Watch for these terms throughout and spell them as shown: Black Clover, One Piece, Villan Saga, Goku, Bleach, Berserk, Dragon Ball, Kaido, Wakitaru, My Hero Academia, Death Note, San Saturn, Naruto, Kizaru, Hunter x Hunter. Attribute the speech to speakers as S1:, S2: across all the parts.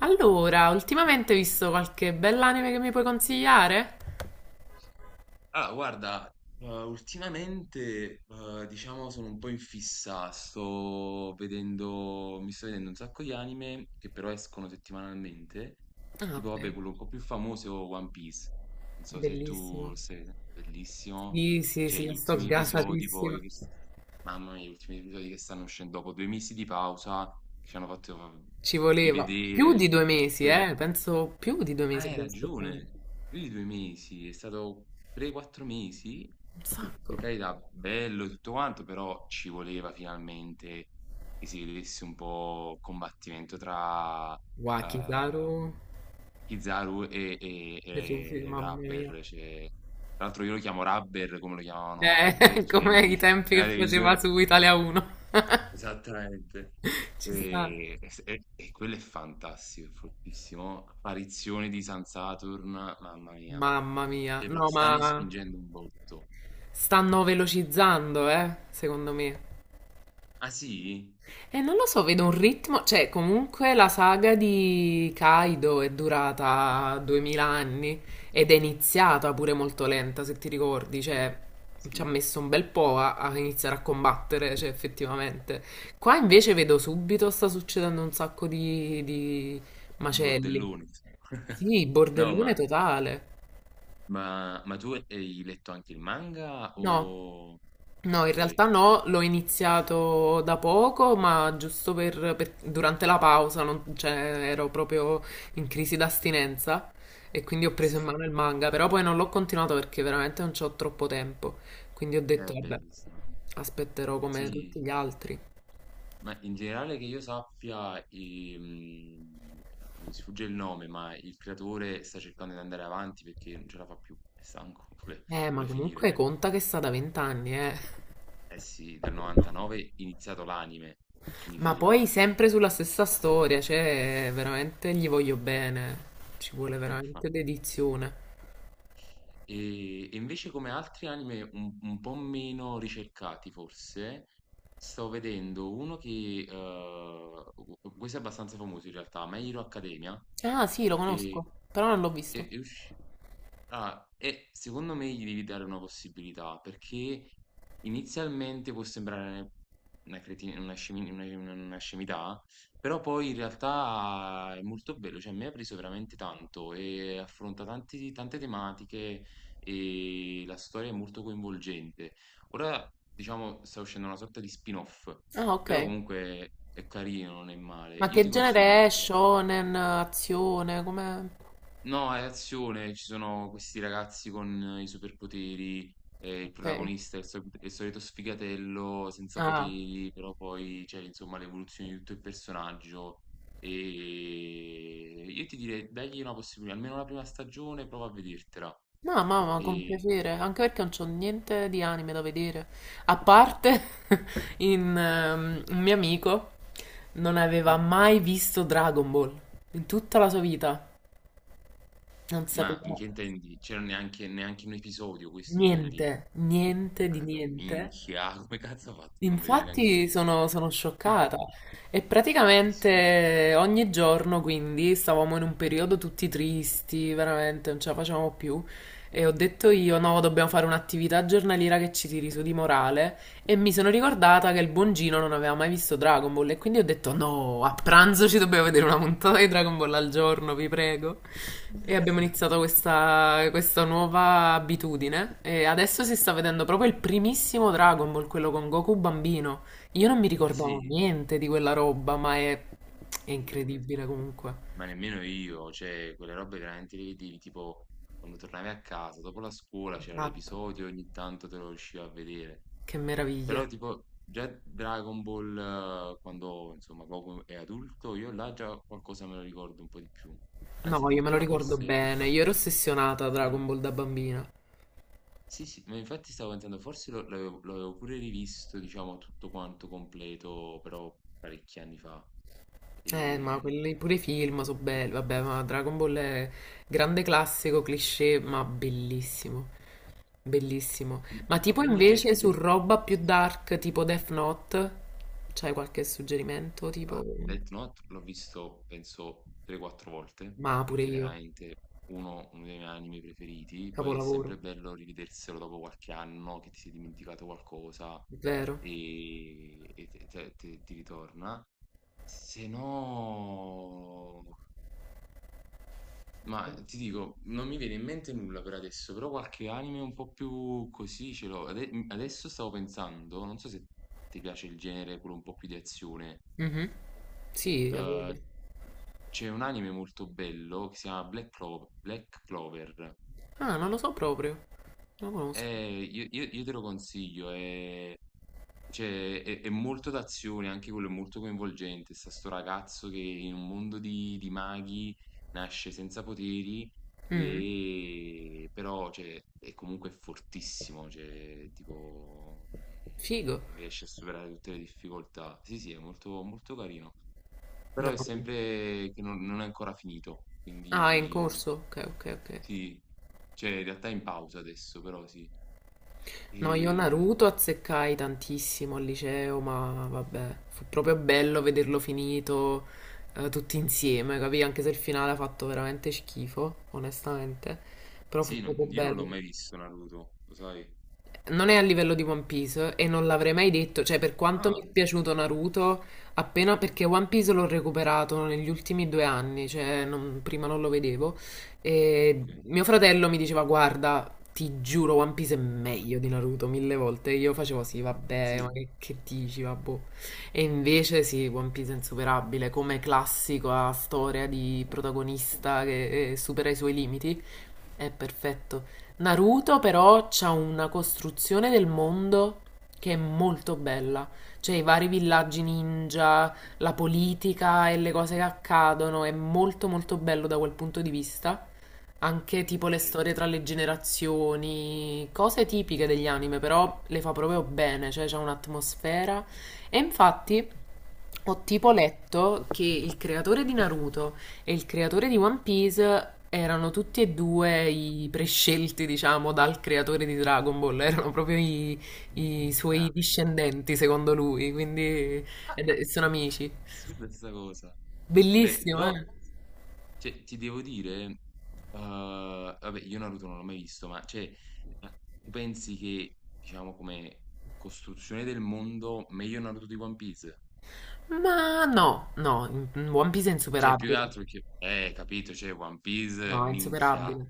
S1: Allora, ultimamente hai visto qualche bell'anime che mi puoi consigliare?
S2: Allora, guarda, ultimamente, diciamo, sono un po' in fissa, mi sto vedendo un sacco di anime che però escono settimanalmente,
S1: Ah,
S2: tipo, vabbè,
S1: ok,
S2: quello un po' più famoso è One Piece, non so se
S1: bellissimo.
S2: tu sei bellissimo.
S1: Sì, sì,
S2: Cioè
S1: sì,
S2: gli
S1: sto
S2: ultimi episodi
S1: gasatissima.
S2: poi, mamma mia, gli ultimi episodi che stanno uscendo dopo 2 mesi di pausa, che ci hanno fatto
S1: Ci voleva più
S2: rivedere.
S1: di due mesi, eh? Penso più di due
S2: Ah,
S1: mesi
S2: hai
S1: abbiamo aspettato.
S2: ragione, più di 2 mesi, è stato 3-4 mesi,
S1: Un
S2: e
S1: sacco.
S2: per carità, bello e tutto quanto, però ci voleva finalmente che si vedesse un po' il combattimento tra
S1: Wakitaru.
S2: ehm, Kizaru e, e,
S1: Sì, sì,
S2: e
S1: mamma mia.
S2: Rubber, cioè, tra l'altro io lo chiamo Rubber come lo chiamavano ai bei
S1: Eh,
S2: vecchi
S1: come i
S2: tempi
S1: tempi
S2: nella
S1: che faceva
S2: televisione.
S1: su Italia 1.
S2: Esattamente.
S1: Ci sta.
S2: E s e quello è fantastico, è fortissimo. Apparizione di San Saturn, mamma mia.
S1: Mamma mia.
S2: E pro
S1: No, ma
S2: Stanno spingendo un botto.
S1: stanno velocizzando, eh? Secondo me.
S2: Ah sì?
S1: E non lo so, vedo un ritmo, cioè comunque la saga di Kaido è durata 2000 anni ed è iniziata pure molto lenta, se ti ricordi, cioè ci ha
S2: Sì,
S1: messo un bel po' a iniziare a combattere, cioè effettivamente. Qua invece vedo subito sta succedendo un sacco di
S2: un
S1: macelli.
S2: bordellone.
S1: Sì,
S2: No, ma
S1: bordellone totale.
S2: ma ma tu hai letto anche il manga
S1: No,
S2: o
S1: no, in
S2: okay,
S1: realtà no, l'ho iniziato da poco, ma giusto durante la pausa, cioè, ero proprio in crisi d'astinenza e quindi ho preso in
S2: sta
S1: mano il manga, però poi non l'ho continuato perché veramente non c'ho troppo tempo, quindi ho detto, vabbè,
S2: bellissimo.
S1: aspetterò come tutti
S2: Sì.
S1: gli altri.
S2: Ma in generale che io sappia, mi sfugge il nome, ma il creatore sta cercando di andare avanti perché non ce la fa più, è stanco, vuole,
S1: Ma
S2: vuole finire.
S1: comunque conta che sta da vent'anni, eh.
S2: Eh sì, dal 99 è iniziato l'anime, quindi
S1: Ma poi
S2: figurati.
S1: sempre sulla stessa storia, cioè, veramente gli voglio bene, ci vuole veramente dedizione.
S2: E invece come altri anime un po' meno ricercati forse, sto vedendo uno che, questo è abbastanza famoso in realtà, My Hero Academia,
S1: Ah, sì, lo conosco,
S2: che
S1: però non l'ho visto.
S2: è usci- ah, e secondo me gli devi dare una possibilità, perché inizialmente può sembrare una cretina, una scemità, però poi in realtà è molto bello, cioè mi ha preso veramente tanto e affronta tante tematiche e la storia è molto coinvolgente. Ora, diciamo, sta uscendo una sorta di spin-off,
S1: Ah, ok.
S2: però comunque è carino, non è male.
S1: Ma
S2: Io
S1: che
S2: ti consiglio di
S1: genere è?
S2: recuperare.
S1: Shonen, azione, com'è?
S2: No, è azione, ci sono questi ragazzi con i superpoteri, il
S1: Ok.
S2: protagonista è è il solito sfigatello senza
S1: Ah.
S2: poteri, però poi c'è insomma l'evoluzione di tutto il personaggio e io ti direi dagli una possibilità, almeno la prima stagione, prova a vedertela.
S1: No, mamma, con
S2: E...
S1: piacere, anche perché non c'ho niente di anime da vedere. A parte un mio amico non aveva
S2: Mm?
S1: mai visto Dragon Ball in tutta la sua vita. Non
S2: Ma
S1: sapeva
S2: in che intendi? C'era neanche un episodio, questo
S1: niente,
S2: intendi?
S1: niente di
S2: Ah, dai,
S1: niente.
S2: minchia, come cazzo ha fatto a non vedere neanche un
S1: Infatti
S2: episodio?
S1: sono scioccata. E
S2: Assurdo.
S1: praticamente ogni giorno, quindi, stavamo in un periodo tutti tristi, veramente non ce la facevamo più. E ho detto io, no, dobbiamo fare un'attività giornaliera che ci tiri su di morale. E mi sono ricordata che il buon Gino non aveva mai visto Dragon Ball. E quindi ho detto, no, a pranzo ci dobbiamo vedere una puntata di Dragon Ball al giorno, vi prego. E abbiamo iniziato questa nuova abitudine e adesso si sta vedendo proprio il primissimo Dragon Ball, quello con Goku bambino. Io non mi
S2: Ma
S1: ricordavo
S2: sì,
S1: niente di quella roba, ma è
S2: figurati.
S1: incredibile comunque.
S2: Ma nemmeno io, cioè, quelle robe veramente le vedevi, tipo, quando tornavi a casa, dopo la scuola c'era
S1: Esatto.
S2: l'episodio, ogni tanto te lo riuscivo a vedere.
S1: Che
S2: Però,
S1: meraviglia.
S2: tipo, già Dragon Ball, quando, insomma, proprio è adulto, io là già qualcosa me lo ricordo un po' di più. Anzi,
S1: No, io me lo
S2: addirittura
S1: ricordo
S2: forse...
S1: bene, io ero ossessionata a
S2: Sì,
S1: Dragon Ball da bambina.
S2: sì, sì, ma infatti stavo pensando, l'avevo pure rivisto, diciamo, tutto quanto completo, però parecchi anni fa.
S1: Ma
S2: Ehm,
S1: quelli pure i film sono belli, vabbè, ma Dragon Ball è grande classico, cliché, ma bellissimo, bellissimo. Ma
S2: Ma
S1: tipo
S2: quindi
S1: invece su roba più dark, tipo Death Note, c'hai qualche suggerimento? Tipo...
S2: Death Note l'ho visto, penso, 3-4 volte,
S1: Ma pure
S2: perché
S1: io,
S2: veramente uno dei miei anime preferiti. Poi è
S1: capolavoro,
S2: sempre bello rivederselo dopo qualche anno che ti sei dimenticato qualcosa
S1: vero?
S2: e ti ritorna. Se no... Ma ti dico, non mi viene in mente nulla per adesso, però qualche anime un po' più così ce l'ho. Adesso stavo pensando, non so se ti piace il genere quello un po' più di azione.
S1: Mhm. Sì, la
S2: eh,
S1: voglia.
S2: C'è un anime molto bello che si chiama Black Clover.
S1: Ah, non lo so proprio, non lo conosco.
S2: E io te lo consiglio, cioè, è molto d'azione, anche quello è molto coinvolgente. Sta Sto ragazzo che in un mondo di maghi nasce senza poteri,
S1: Mhm.
S2: e, però cioè, è comunque fortissimo, cioè, tipo,
S1: Figo.
S2: riesce a superare tutte le difficoltà. Sì, sì, è molto molto carino. Però
S1: No.
S2: è sempre che non è ancora finito,
S1: Ah, è in
S2: quindi
S1: corso? Ok, ok, ok.
S2: sì, cioè in realtà è in pausa adesso, però sì.
S1: No, io
S2: E
S1: Naruto azzeccai tantissimo al liceo, ma vabbè, fu proprio bello vederlo finito, tutti insieme, capì? Anche se il finale ha fatto veramente schifo, onestamente, però fu
S2: sì,
S1: proprio
S2: io non l'ho
S1: bello.
S2: mai visto Naruto, lo sai?
S1: Non è a livello di One Piece e non l'avrei mai detto, cioè per quanto mi
S2: Ah,
S1: è piaciuto Naruto, appena perché One Piece l'ho recuperato negli ultimi due anni, cioè prima non lo vedevo, e
S2: ok,
S1: mio fratello mi diceva guarda, ti giuro One Piece è meglio di Naruto mille volte, e io facevo sì, vabbè, ma
S2: sì.
S1: che dici, vabbè. E invece sì, One Piece è insuperabile, come classico, ha storia di protagonista che supera i suoi limiti. È perfetto. Naruto però c'ha una costruzione del mondo che è molto bella, cioè i vari villaggi ninja, la politica e le cose che accadono, è molto molto bello da quel punto di vista. Anche tipo le
S2: Sì.
S1: storie tra le generazioni, cose tipiche degli anime, però le fa proprio bene, cioè c'è un'atmosfera. E infatti ho tipo
S2: Mm?
S1: letto che il creatore di Naruto e il creatore di One Piece erano tutti e due i prescelti, diciamo, dal creatore di Dragon Ball, erano proprio i, suoi
S2: Ah, vero.
S1: discendenti, secondo lui, quindi
S2: Ah, ah,
S1: sono amici.
S2: assurda questa cosa. Beh,
S1: Bellissimo,
S2: però
S1: eh?
S2: cioè, ti devo dire, vabbè, io Naruto non l'ho mai visto, ma cioè, ma tu pensi che, diciamo, come costruzione del mondo, meglio Naruto di One Piece?
S1: Ma no, no, One Piece è
S2: Cioè, più che
S1: insuperabile.
S2: altro che, capito, cioè, One Piece,
S1: No, è
S2: minchia.
S1: insuperabile.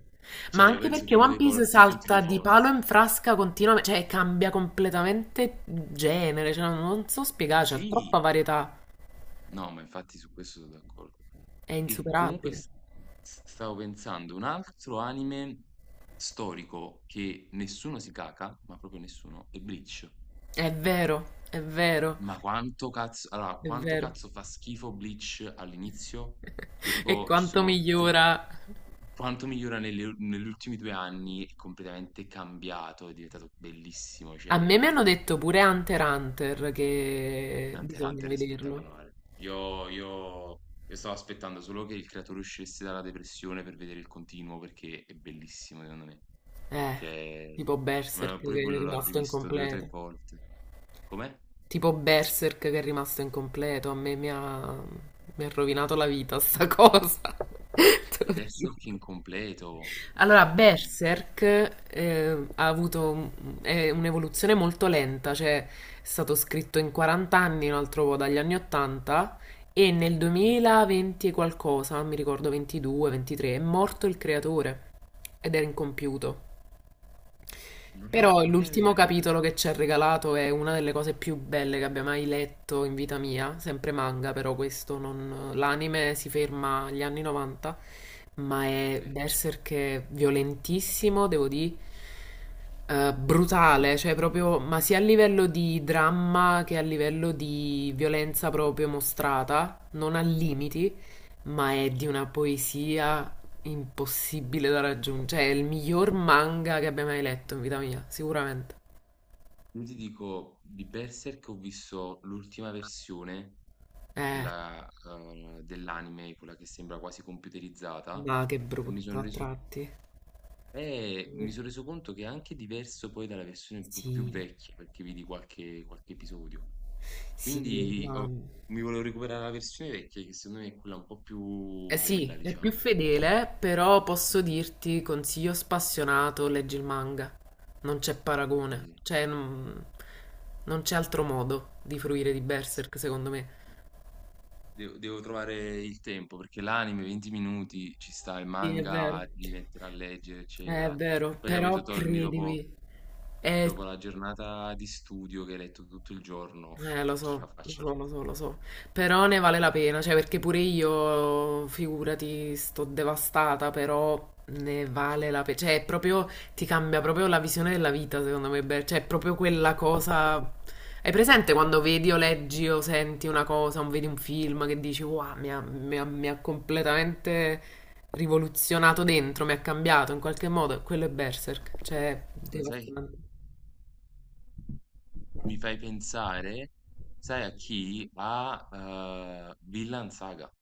S1: Ma
S2: Cioè, io
S1: anche
S2: penso che
S1: perché
S2: è uno
S1: One
S2: dei
S1: Piece
S2: forti punti
S1: salta
S2: di
S1: di palo
S2: forza.
S1: in frasca continuamente, cioè cambia completamente genere, cioè, non so spiegare, c'è troppa
S2: Sì,
S1: varietà,
S2: no, ma infatti su questo sono d'accordo.
S1: è
S2: E comunque
S1: insuperabile.
S2: stavo pensando, un altro anime storico che nessuno si caca, ma proprio nessuno, è Bleach.
S1: È vero, è vero,
S2: Ma quanto cazzo, allora,
S1: è
S2: quanto
S1: vero.
S2: cazzo fa schifo Bleach all'inizio? Che
S1: E
S2: tipo ci
S1: quanto
S2: sono tre.
S1: migliora.
S2: Quanto migliora negli ultimi 2 anni è completamente cambiato, è diventato bellissimo,
S1: A me mi
S2: cioè
S1: hanno detto pure Hunter x Hunter che
S2: Hunter x
S1: bisogna
S2: Hunter è
S1: vederlo.
S2: spettacolare. Io stavo aspettando solo che il creatore uscisse dalla depressione per vedere il continuo perché è bellissimo secondo me.
S1: Eh,
S2: Cioè,
S1: tipo Berserk
S2: ma pure
S1: che è
S2: quello l'ho
S1: rimasto
S2: rivisto 2 o 3
S1: incompleto.
S2: volte. Com'è?
S1: Tipo Berserk che è rimasto incompleto, a me mi ha rovinato la vita sta cosa, te lo giuro.
S2: Berserk incompleto.
S1: Allora,
S2: No,
S1: Berserk, eh, ha avuto un- è un'evoluzione molto lenta, cioè è stato scritto in 40 anni, un altro po' dagli anni 80 e nel
S2: mh?
S1: 2020 e qualcosa, mi ricordo 22, 23, è morto il creatore ed era incompiuto. Però
S2: Non ne avevo
S1: l'ultimo
S2: idea.
S1: capitolo che ci ha regalato è una delle cose più belle che abbia mai letto in vita mia, sempre manga però questo, non l'anime si ferma agli anni 90, ma
S2: Ok.
S1: è Berserk è violentissimo, devo dire, brutale, cioè proprio, ma sia a livello di dramma che a livello di violenza proprio mostrata, non ha limiti, ma è di una poesia impossibile da raggiungere. Cioè, è il miglior manga che abbia mai letto in vita mia, sicuramente.
S2: Io ti dico, di Berserk ho visto l'ultima versione
S1: Eh,
S2: quella dell'anime, quella che sembra quasi computerizzata,
S1: ma che
S2: e mi
S1: brutto
S2: sono
S1: a
S2: reso,
S1: tratti.
S2: mi sono reso conto che è anche diverso poi dalla versione più
S1: Sì,
S2: vecchia, perché vidi qualche episodio.
S1: sì,
S2: Quindi
S1: ma...
S2: ho- Mi volevo recuperare la versione vecchia, che secondo me è quella un po'
S1: Eh
S2: più bella,
S1: sì, è più
S2: diciamo.
S1: fedele, però posso
S2: Ok.
S1: dirti, consiglio spassionato, leggi il manga. Non c'è paragone.
S2: Perché
S1: Cioè, non c'è altro modo di fruire di Berserk, secondo me.
S2: Devo trovare il tempo, perché l'anime 20 minuti ci sta, il
S1: Sì, è vero.
S2: manga ti devi mettere a leggere,
S1: È
S2: eccetera.
S1: vero,
S2: Poi capito,
S1: però
S2: torni
S1: credimi, Eh,
S2: dopo la giornata di studio che hai letto tutto il giorno,
S1: lo
S2: ce
S1: so,
S2: la
S1: lo
S2: faccio alla
S1: so, lo so, lo so. Però ne vale la
S2: fine.
S1: pena, cioè perché pure io, figurati, sto devastata, però ne
S2: Cioè,
S1: vale la pena. Cioè, è proprio, ti cambia proprio la visione della vita, secondo me. Cioè, è proprio quella cosa... Hai presente quando vedi o leggi o senti una cosa, o vedi un film che dici, wow, mi ha completamente rivoluzionato dentro, mi ha cambiato in qualche modo? Quello è Berserk, cioè,
S2: ma sai,
S1: devastante.
S2: mi fai pensare, sai a chi? A Villan Saga.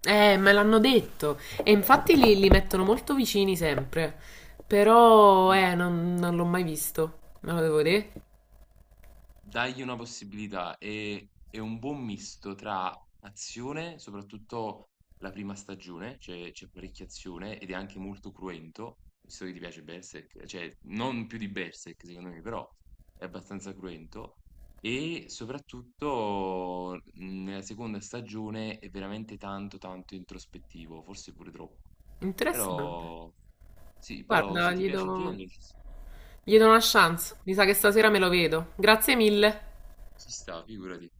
S1: Me l'hanno detto. E infatti li mettono molto vicini sempre. Però,
S2: Mm.
S1: non l'ho mai visto. Me lo devo vedere.
S2: Dagli una possibilità, è un buon misto tra azione, soprattutto la prima stagione, c'è parecchia azione ed è anche molto cruento, visto che ti piace Berserk, cioè non più di Berserk secondo me, però è abbastanza cruento, e soprattutto nella seconda stagione è veramente tanto tanto introspettivo, forse pure troppo,
S1: Interessante.
S2: però sì, però
S1: Guarda,
S2: se ti
S1: gli
S2: piace il
S1: do,
S2: genere
S1: gli do una chance. Mi sa che stasera me lo vedo. Grazie mille.
S2: ci sta, figurati.